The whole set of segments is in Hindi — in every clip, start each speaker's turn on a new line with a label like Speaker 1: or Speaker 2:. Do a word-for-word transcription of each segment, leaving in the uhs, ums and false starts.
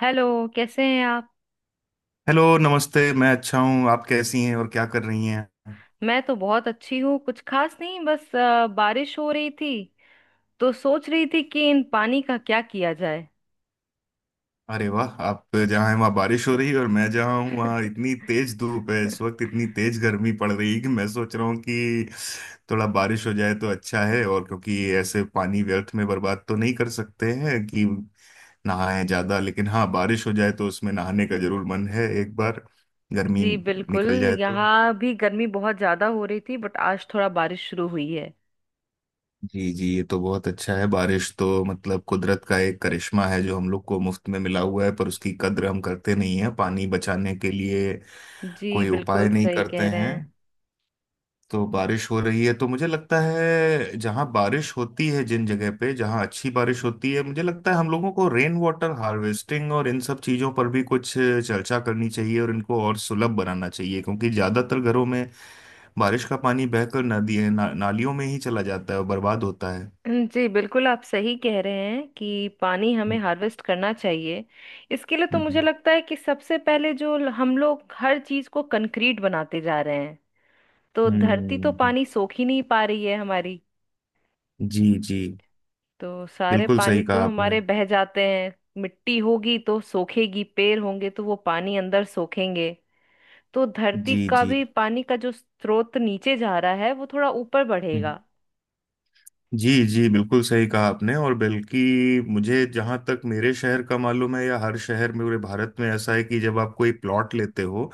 Speaker 1: हेलो। कैसे हैं आप?
Speaker 2: हेलो नमस्ते। मैं अच्छा हूँ, आप कैसी हैं और क्या कर रही हैं?
Speaker 1: मैं तो बहुत अच्छी हूँ। कुछ खास नहीं, बस अ, बारिश हो रही थी। तो सोच रही थी कि इन पानी का क्या किया जाए।
Speaker 2: अरे वाह, आप जहाँ हैं वहाँ बारिश हो रही है और मैं जहाँ हूँ वहाँ इतनी तेज धूप है, इस वक्त इतनी तेज गर्मी पड़ रही है कि मैं सोच रहा हूँ कि थोड़ा बारिश हो जाए तो अच्छा है। और क्योंकि ऐसे पानी व्यर्थ में बर्बाद तो नहीं कर सकते हैं कि नहाएं ज्यादा, लेकिन हाँ बारिश हो जाए तो उसमें नहाने का जरूर मन है एक बार गर्मी
Speaker 1: जी
Speaker 2: निकल
Speaker 1: बिल्कुल,
Speaker 2: जाए तो।
Speaker 1: यहाँ भी गर्मी बहुत ज्यादा हो रही थी, बट आज थोड़ा बारिश शुरू हुई है।
Speaker 2: जी जी, ये तो बहुत अच्छा है। बारिश तो मतलब कुदरत का एक करिश्मा है जो हम लोग को मुफ्त में मिला हुआ है, पर उसकी कद्र हम करते नहीं है। पानी बचाने के लिए
Speaker 1: जी
Speaker 2: कोई
Speaker 1: बिल्कुल
Speaker 2: उपाय नहीं
Speaker 1: सही
Speaker 2: करते
Speaker 1: कह रहे
Speaker 2: हैं।
Speaker 1: हैं।
Speaker 2: तो बारिश हो रही है तो मुझे लगता है जहाँ बारिश होती है, जिन जगह पे जहाँ अच्छी बारिश होती है, मुझे लगता है हम लोगों को रेन वाटर हार्वेस्टिंग और इन सब चीज़ों पर भी कुछ चर्चा करनी चाहिए और इनको और सुलभ बनाना चाहिए, क्योंकि ज़्यादातर घरों में बारिश का पानी बहकर नदी ना, नालियों में ही चला जाता है और बर्बाद होता है।
Speaker 1: जी बिल्कुल आप सही कह रहे हैं कि पानी हमें हार्वेस्ट करना चाहिए। इसके लिए तो मुझे
Speaker 2: हम्म
Speaker 1: लगता है कि सबसे पहले जो ल- हम लोग हर चीज को कंक्रीट बनाते जा रहे हैं। तो धरती तो
Speaker 2: हम्म,
Speaker 1: पानी सोख ही नहीं पा रही है हमारी।
Speaker 2: जी जी
Speaker 1: तो सारे
Speaker 2: बिल्कुल
Speaker 1: पानी
Speaker 2: सही
Speaker 1: तो
Speaker 2: कहा आपने।
Speaker 1: हमारे बह जाते हैं। मिट्टी होगी तो सोखेगी, पेड़ होंगे तो वो पानी अंदर सोखेंगे। तो धरती
Speaker 2: जी
Speaker 1: का
Speaker 2: जी।
Speaker 1: भी पानी का जो स्रोत नीचे जा रहा है वो थोड़ा ऊपर बढ़ेगा।
Speaker 2: हम्म, जी जी बिल्कुल सही कहा आपने। और बल्कि मुझे जहाँ तक मेरे शहर का मालूम है, या हर शहर में पूरे भारत में ऐसा है कि जब आप कोई प्लॉट लेते हो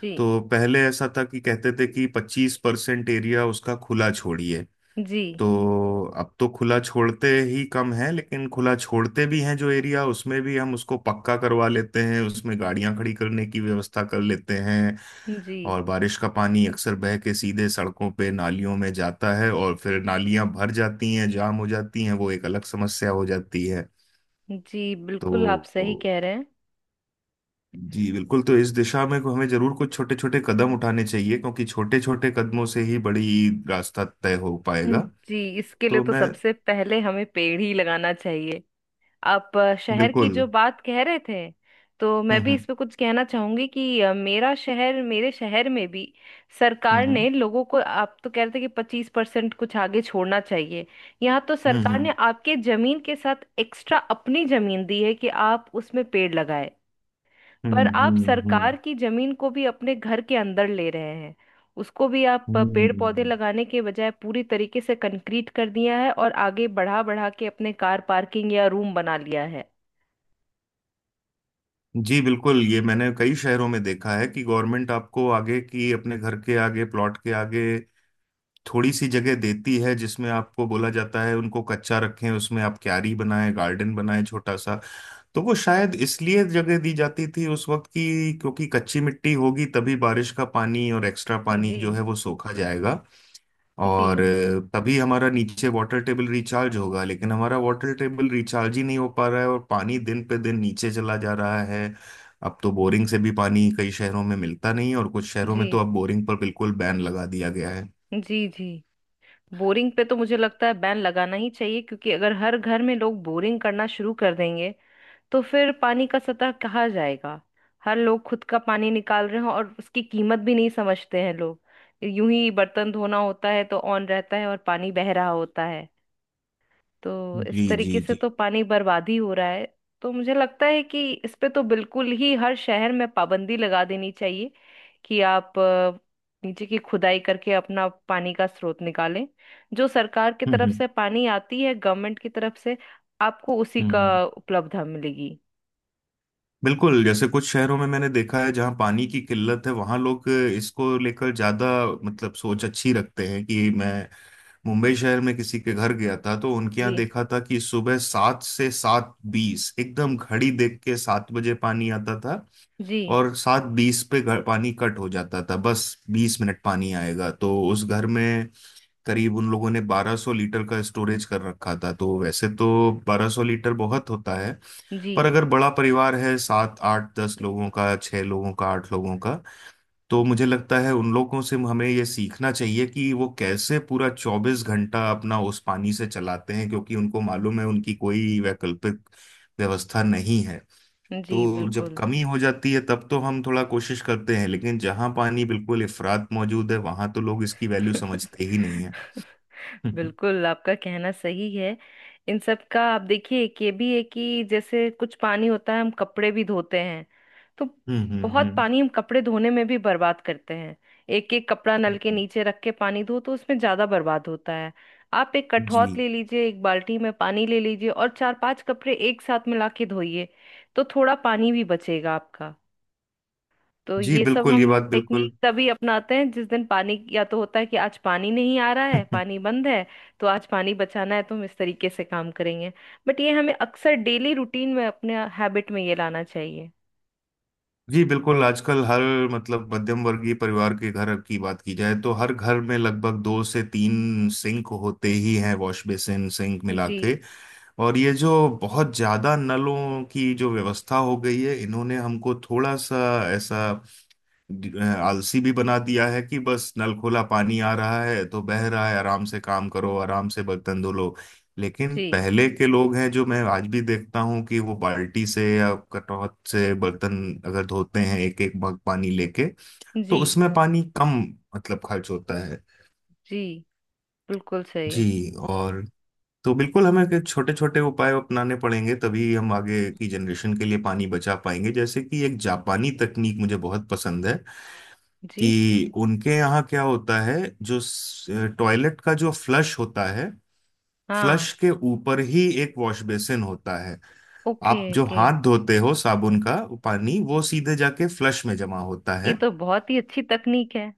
Speaker 1: जी
Speaker 2: तो पहले ऐसा था कि कहते थे कि पच्चीस परसेंट एरिया उसका खुला छोड़िए।
Speaker 1: जी
Speaker 2: तो अब तो खुला छोड़ते ही कम है, लेकिन खुला छोड़ते भी हैं जो एरिया, उसमें भी हम उसको पक्का करवा लेते हैं, उसमें गाड़ियां खड़ी करने की व्यवस्था कर लेते हैं।
Speaker 1: जी।
Speaker 2: और बारिश का पानी अक्सर बह के सीधे सड़कों पे नालियों में जाता है और फिर नालियां भर जाती हैं, जाम हो जाती हैं, वो एक अलग समस्या हो जाती है।
Speaker 1: जी बिल्कुल आप सही
Speaker 2: तो
Speaker 1: कह रहे हैं।
Speaker 2: जी बिल्कुल, तो इस दिशा में को हमें जरूर कुछ छोटे छोटे कदम उठाने चाहिए क्योंकि छोटे छोटे कदमों से ही बड़ी रास्ता तय हो
Speaker 1: हम्म।
Speaker 2: पाएगा।
Speaker 1: जी, इसके लिए
Speaker 2: तो
Speaker 1: तो
Speaker 2: मैं
Speaker 1: सबसे पहले हमें पेड़ ही लगाना चाहिए। आप अ, शहर की
Speaker 2: बिल्कुल।
Speaker 1: जो बात कह रहे थे। तो मैं भी इस
Speaker 2: हम्म
Speaker 1: पे कुछ कहना चाहूंगी कि अ, मेरा शहर मेरे शहर में भी
Speaker 2: हम्म
Speaker 1: सरकार
Speaker 2: हम्म
Speaker 1: ने लोगों को, आप तो कह रहे थे कि पच्चीस परसेंट कुछ आगे छोड़ना चाहिए। यहाँ तो
Speaker 2: हम्म
Speaker 1: सरकार ने
Speaker 2: हम्म
Speaker 1: आपके जमीन के साथ एक्स्ट्रा अपनी जमीन दी है कि आप उसमें पेड़ लगाए। पर आप
Speaker 2: हम्म
Speaker 1: सरकार
Speaker 2: हम्म
Speaker 1: की जमीन को भी अपने घर के अंदर ले रहे हैं। उसको भी आप अ,
Speaker 2: हम्म
Speaker 1: पेड़ पौधे
Speaker 2: हम्म,
Speaker 1: लगाने के बजाय पूरी तरीके से कंक्रीट कर दिया है, और आगे बढ़ा बढ़ा के अपने कार पार्किंग या रूम बना लिया है।
Speaker 2: जी बिल्कुल, ये मैंने कई शहरों में देखा है कि गवर्नमेंट आपको आगे की, अपने घर के आगे प्लॉट के आगे थोड़ी सी जगह देती है जिसमें आपको बोला जाता है उनको कच्चा रखें, उसमें आप क्यारी बनाएं, गार्डन बनाएं छोटा सा। तो वो शायद इसलिए जगह दी जाती थी उस वक्त की, क्योंकि कच्ची मिट्टी होगी तभी बारिश का पानी और एक्स्ट्रा पानी
Speaker 1: जी
Speaker 2: जो है वो सोखा जाएगा। और
Speaker 1: जी
Speaker 2: अ, तभी हमारा नीचे वाटर टेबल रिचार्ज होगा, लेकिन हमारा वाटर टेबल रिचार्ज ही नहीं हो पा रहा है और पानी दिन पे दिन नीचे चला जा रहा है। अब तो बोरिंग से भी पानी कई शहरों में मिलता नहीं है और कुछ शहरों
Speaker 1: जी
Speaker 2: में तो अब बोरिंग पर बिल्कुल बैन लगा दिया गया है।
Speaker 1: जी जी। बोरिंग पे तो मुझे लगता है बैन लगाना ही चाहिए, क्योंकि अगर हर घर में लोग बोरिंग करना शुरू कर देंगे तो फिर पानी का सतह कहाँ जाएगा। हर लोग खुद का पानी निकाल रहे हैं और उसकी कीमत भी नहीं समझते हैं लोग। यूं ही बर्तन धोना होता है तो ऑन रहता है और पानी बह रहा होता है। तो इस
Speaker 2: जी
Speaker 1: तरीके
Speaker 2: जी
Speaker 1: से
Speaker 2: जी।
Speaker 1: तो पानी बर्बाद ही हो रहा है। तो मुझे लगता है कि इस पे तो बिल्कुल ही हर शहर में पाबंदी लगा देनी चाहिए कि आप अ, नीचे की खुदाई करके अपना पानी का स्रोत निकालें। जो सरकार की
Speaker 2: हम्म
Speaker 1: तरफ
Speaker 2: हम्म
Speaker 1: से पानी आती है, गवर्नमेंट की तरफ से, आपको उसी
Speaker 2: हम्म,
Speaker 1: का
Speaker 2: हम्म।
Speaker 1: उपलब्धता मिलेगी।
Speaker 2: बिल्कुल, जैसे कुछ शहरों में मैंने देखा है जहाँ पानी की किल्लत है वहाँ लोग इसको लेकर ज्यादा, मतलब सोच अच्छी रखते हैं कि मैं मुंबई शहर में किसी के घर गया था तो उनके
Speaker 1: जी
Speaker 2: यहाँ देखा था कि सुबह सात से सात बीस, एकदम घड़ी देख के सात बजे पानी आता था
Speaker 1: जी
Speaker 2: और सात बीस पे घर पानी कट हो जाता था। बस बीस मिनट पानी आएगा तो उस घर में करीब उन लोगों ने बारह सौ लीटर का स्टोरेज कर रखा था। तो वैसे तो बारह सौ लीटर बहुत होता है,
Speaker 1: जी
Speaker 2: पर अगर बड़ा परिवार है, सात आठ दस लोगों का, छह लोगों का, आठ लोगों का, तो मुझे लगता है उन लोगों से हमें ये सीखना चाहिए कि वो कैसे पूरा चौबीस घंटा अपना उस पानी से चलाते हैं, क्योंकि उनको मालूम है उनकी कोई वैकल्पिक व्यवस्था नहीं है।
Speaker 1: जी
Speaker 2: तो जब
Speaker 1: बिल्कुल।
Speaker 2: कमी हो जाती है तब तो हम थोड़ा कोशिश करते हैं, लेकिन जहां पानी बिल्कुल इफरात मौजूद है वहां तो लोग इसकी वैल्यू समझते ही नहीं है। हम्म
Speaker 1: बिल्कुल, आपका कहना सही है। इन सब का आप देखिए, एक ये भी है कि जैसे कुछ पानी होता है, हम कपड़े भी धोते हैं। तो
Speaker 2: हम्म
Speaker 1: बहुत पानी हम कपड़े धोने में भी बर्बाद करते हैं। एक एक कपड़ा नल के
Speaker 2: हम्म।
Speaker 1: नीचे रख के पानी धो तो उसमें ज्यादा बर्बाद होता है। आप एक कठौत
Speaker 2: जी
Speaker 1: ले लीजिए, एक बाल्टी में पानी ले लीजिए और चार पांच कपड़े एक साथ मिला के धोइए। तो थोड़ा पानी भी बचेगा आपका। तो
Speaker 2: जी
Speaker 1: ये सब
Speaker 2: बिल्कुल, ये
Speaker 1: हम लोग
Speaker 2: बात बिल्कुल।
Speaker 1: टेक्निक तभी अपनाते हैं जिस दिन पानी या तो होता है कि आज पानी नहीं आ रहा है, पानी बंद है। तो आज पानी बचाना है तो हम इस तरीके से काम करेंगे। बट ये हमें अक्सर डेली रूटीन में अपने हैबिट में ये लाना चाहिए।
Speaker 2: जी बिल्कुल, आजकल हर, मतलब मध्यम वर्गीय परिवार के घर की बात की जाए तो हर घर में लगभग दो से तीन सिंक होते ही हैं, वॉश बेसिन सिंक मिला
Speaker 1: जी
Speaker 2: के। और ये जो बहुत ज्यादा नलों की जो व्यवस्था हो गई है, इन्होंने हमको थोड़ा सा ऐसा ड- आलसी भी बना दिया है कि बस नल खोला, पानी आ रहा है तो बह रहा है, आराम से काम करो, आराम से बर्तन धो लो। लेकिन
Speaker 1: जी
Speaker 2: पहले के लोग हैं जो मैं आज भी देखता हूँ कि वो बाल्टी से या कटौत से बर्तन अगर धोते हैं एक एक मग पानी लेके, तो
Speaker 1: जी
Speaker 2: उसमें पानी कम, मतलब खर्च होता है।
Speaker 1: जी बिल्कुल सही।
Speaker 2: जी। और तो बिल्कुल हमें के छोटे छोटे उपाय अपनाने पड़ेंगे तभी हम आगे की जनरेशन के लिए पानी बचा पाएंगे, जैसे कि एक जापानी तकनीक मुझे बहुत पसंद है
Speaker 1: जी
Speaker 2: कि उनके यहाँ क्या होता है जो टॉयलेट का जो फ्लश होता है,
Speaker 1: हाँ।
Speaker 2: फ्लश के ऊपर ही एक वॉश बेसिन होता है।
Speaker 1: ओके
Speaker 2: आप जो
Speaker 1: ओके।
Speaker 2: हाथ धोते हो, साबुन का वो पानी, वो सीधे जाके फ्लश में जमा होता
Speaker 1: ये
Speaker 2: है।
Speaker 1: तो बहुत ही अच्छी तकनीक है।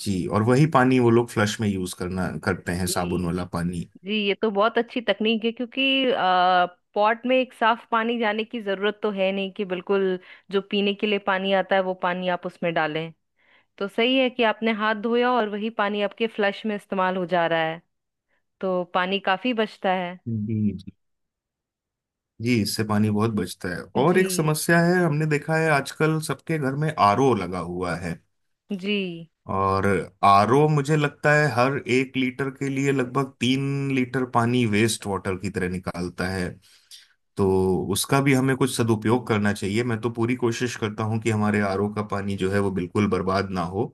Speaker 2: जी, और वही पानी वो लोग फ्लश में यूज करना करते हैं, साबुन
Speaker 1: जी
Speaker 2: वाला पानी।
Speaker 1: जी, ये तो बहुत अच्छी तकनीक है, क्योंकि आ, पॉट में एक साफ पानी जाने की जरूरत तो है नहीं कि बिल्कुल। जो पीने के लिए पानी आता है वो पानी आप उसमें डालें। तो सही है कि आपने हाथ धोया और वही पानी आपके फ्लश में इस्तेमाल हो जा रहा है। तो पानी काफी बचता है।
Speaker 2: जी जी। जी, इससे पानी बहुत बचता है। और
Speaker 1: जी
Speaker 2: एक समस्या है, हमने देखा है आजकल सबके घर में आरओ लगा हुआ है।
Speaker 1: जी
Speaker 2: और आरओ मुझे लगता है हर एक लीटर के लिए लगभग तीन लीटर पानी वेस्ट वाटर की तरह निकालता है। तो उसका भी हमें कुछ सदुपयोग करना चाहिए। मैं तो पूरी कोशिश करता हूँ कि हमारे आरओ का पानी जो है वो बिल्कुल बर्बाद ना हो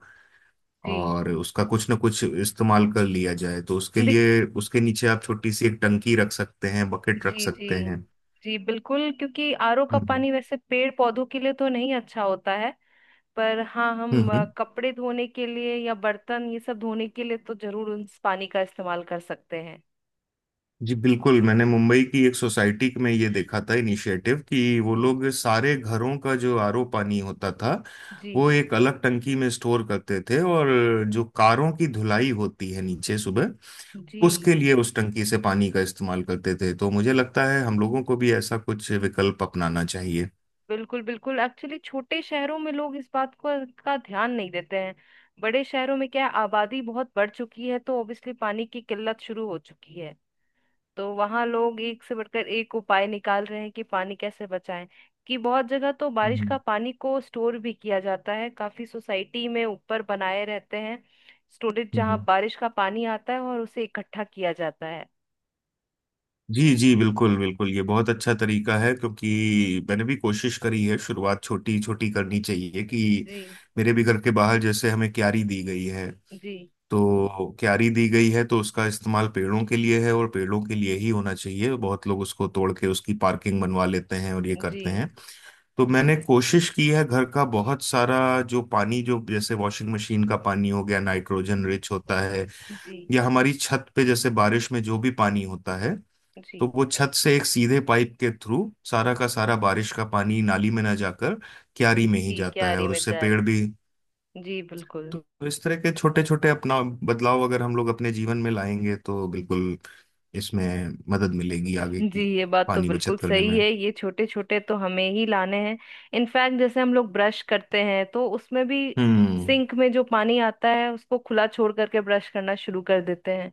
Speaker 1: जी।
Speaker 2: और उसका कुछ ना कुछ इस्तेमाल कर लिया जाए। तो उसके
Speaker 1: देख-
Speaker 2: लिए उसके नीचे आप छोटी सी एक टंकी रख सकते हैं, बकेट रख
Speaker 1: जी जी
Speaker 2: सकते हैं।
Speaker 1: जी बिल्कुल, क्योंकि आर ओ का
Speaker 2: हम्म
Speaker 1: पानी वैसे पेड़ पौधों के लिए तो नहीं अच्छा होता है। पर हाँ,
Speaker 2: हम्म
Speaker 1: हम अ,
Speaker 2: हम्म।
Speaker 1: कपड़े धोने के लिए या बर्तन ये सब धोने के लिए तो जरूर उस पानी का इस्तेमाल कर सकते हैं।
Speaker 2: जी बिल्कुल, मैंने मुंबई की एक सोसाइटी में ये देखा था इनिशिएटिव कि वो
Speaker 1: जी
Speaker 2: लोग सारे घरों का जो आरओ पानी होता था,
Speaker 1: जी
Speaker 2: वो एक अलग टंकी में स्टोर करते थे, और जो कारों की धुलाई होती है नीचे सुबह,
Speaker 1: जी
Speaker 2: उसके लिए उस टंकी से पानी का इस्तेमाल करते थे। तो मुझे लगता है हम लोगों को भी ऐसा कुछ विकल्प अपनाना चाहिए।
Speaker 1: बिल्कुल बिल्कुल। एक्चुअली छोटे शहरों में लोग इस बात को का ध्यान नहीं देते हैं। बड़े शहरों में क्या है, आबादी बहुत बढ़ चुकी है तो ऑब्वियसली पानी की किल्लत शुरू हो चुकी है। तो वहां लोग एक से बढ़कर एक उपाय निकाल रहे हैं कि पानी कैसे बचाएं। कि बहुत जगह तो बारिश
Speaker 2: हम्म
Speaker 1: का पानी को स्टोर भी किया जाता है, काफी सोसाइटी में ऊपर बनाए रहते हैं स्टोरेज, जहाँ
Speaker 2: हम्म।
Speaker 1: बारिश का पानी आता है और उसे इकट्ठा किया जाता है।
Speaker 2: जी जी बिल्कुल बिल्कुल, ये बहुत अच्छा तरीका है। क्योंकि मैंने भी कोशिश करी है, शुरुआत छोटी छोटी करनी चाहिए कि
Speaker 1: जी
Speaker 2: मेरे भी घर के बाहर जैसे हमें क्यारी दी गई है,
Speaker 1: जी
Speaker 2: तो क्यारी दी गई है तो उसका इस्तेमाल पेड़ों के लिए है और पेड़ों के लिए ही होना चाहिए। बहुत लोग उसको तोड़ के उसकी पार्किंग बनवा लेते हैं और ये
Speaker 1: जी
Speaker 2: करते हैं। तो मैंने कोशिश की है घर का बहुत सारा जो पानी जो, जैसे वॉशिंग मशीन का पानी हो गया, नाइट्रोजन रिच होता है,
Speaker 1: जी
Speaker 2: या हमारी छत पे जैसे बारिश में जो भी पानी होता है,
Speaker 1: जी
Speaker 2: तो वो छत से एक सीधे पाइप के थ्रू सारा का सारा बारिश का पानी नाली में ना जाकर क्यारी
Speaker 1: जी
Speaker 2: में ही
Speaker 1: जी
Speaker 2: जाता है
Speaker 1: क्यारी
Speaker 2: और
Speaker 1: में
Speaker 2: उससे
Speaker 1: जाए।
Speaker 2: पेड़ भी।
Speaker 1: जी बिल्कुल।
Speaker 2: तो इस तरह के छोटे छोटे अपना बदलाव अगर हम लोग अपने जीवन में लाएंगे तो बिल्कुल इसमें मदद मिलेगी आगे
Speaker 1: जी,
Speaker 2: की
Speaker 1: ये बात तो
Speaker 2: पानी
Speaker 1: बिल्कुल
Speaker 2: बचत करने
Speaker 1: सही
Speaker 2: में।
Speaker 1: है, ये छोटे छोटे तो हमें ही लाने हैं। इनफैक्ट जैसे हम लोग ब्रश करते हैं तो उसमें भी
Speaker 2: हम्म
Speaker 1: सिंक में जो पानी आता है उसको खुला छोड़ करके ब्रश करना शुरू कर देते हैं।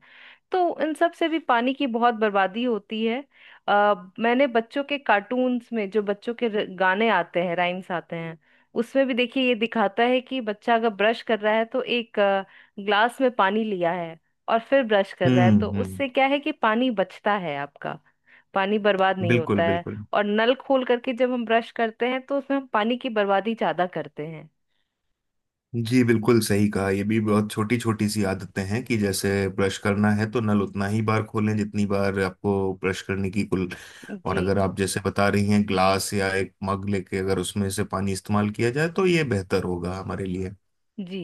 Speaker 1: तो इन सब से भी पानी की बहुत बर्बादी होती है। आ, मैंने बच्चों के कार्टून्स में जो बच्चों के र- गाने आते हैं, राइम्स आते हैं। उसमें भी देखिए ये दिखाता है कि बच्चा अगर ब्रश कर रहा है तो एक अ, ग्लास में पानी लिया है। और फिर ब्रश कर रहा है
Speaker 2: हम्म
Speaker 1: तो
Speaker 2: हम्म।
Speaker 1: उससे क्या है कि पानी बचता है आपका। पानी बर्बाद नहीं
Speaker 2: बिल्कुल
Speaker 1: होता है।
Speaker 2: बिल्कुल।
Speaker 1: और नल खोल करके जब हम ब्रश करते हैं तो उसमें हम पानी की बर्बादी ज्यादा करते हैं।
Speaker 2: जी बिल्कुल सही कहा, ये भी बहुत छोटी छोटी सी आदतें हैं कि जैसे ब्रश करना है तो नल उतना ही बार खोलें जितनी बार आपको ब्रश करने की कुल, और
Speaker 1: जी
Speaker 2: अगर आप जैसे बता रही हैं ग्लास या एक मग लेके अगर उसमें से पानी इस्तेमाल किया जाए तो ये बेहतर होगा हमारे लिए।
Speaker 1: जी।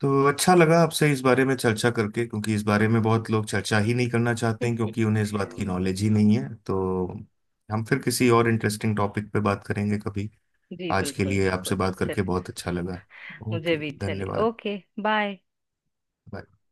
Speaker 2: तो अच्छा लगा आपसे इस बारे में चर्चा करके, क्योंकि इस बारे में बहुत लोग चर्चा ही नहीं करना चाहते हैं
Speaker 1: जी
Speaker 2: क्योंकि उन्हें इस बात की नॉलेज ही नहीं है। तो हम फिर किसी और इंटरेस्टिंग टॉपिक पे बात करेंगे कभी। आज के
Speaker 1: बिल्कुल
Speaker 2: लिए आपसे
Speaker 1: बिल्कुल।
Speaker 2: बात करके
Speaker 1: चलिए,
Speaker 2: बहुत अच्छा लगा।
Speaker 1: मुझे
Speaker 2: ओके
Speaker 1: भी चलिए।
Speaker 2: धन्यवाद।
Speaker 1: ओके। बाय।
Speaker 2: Bye.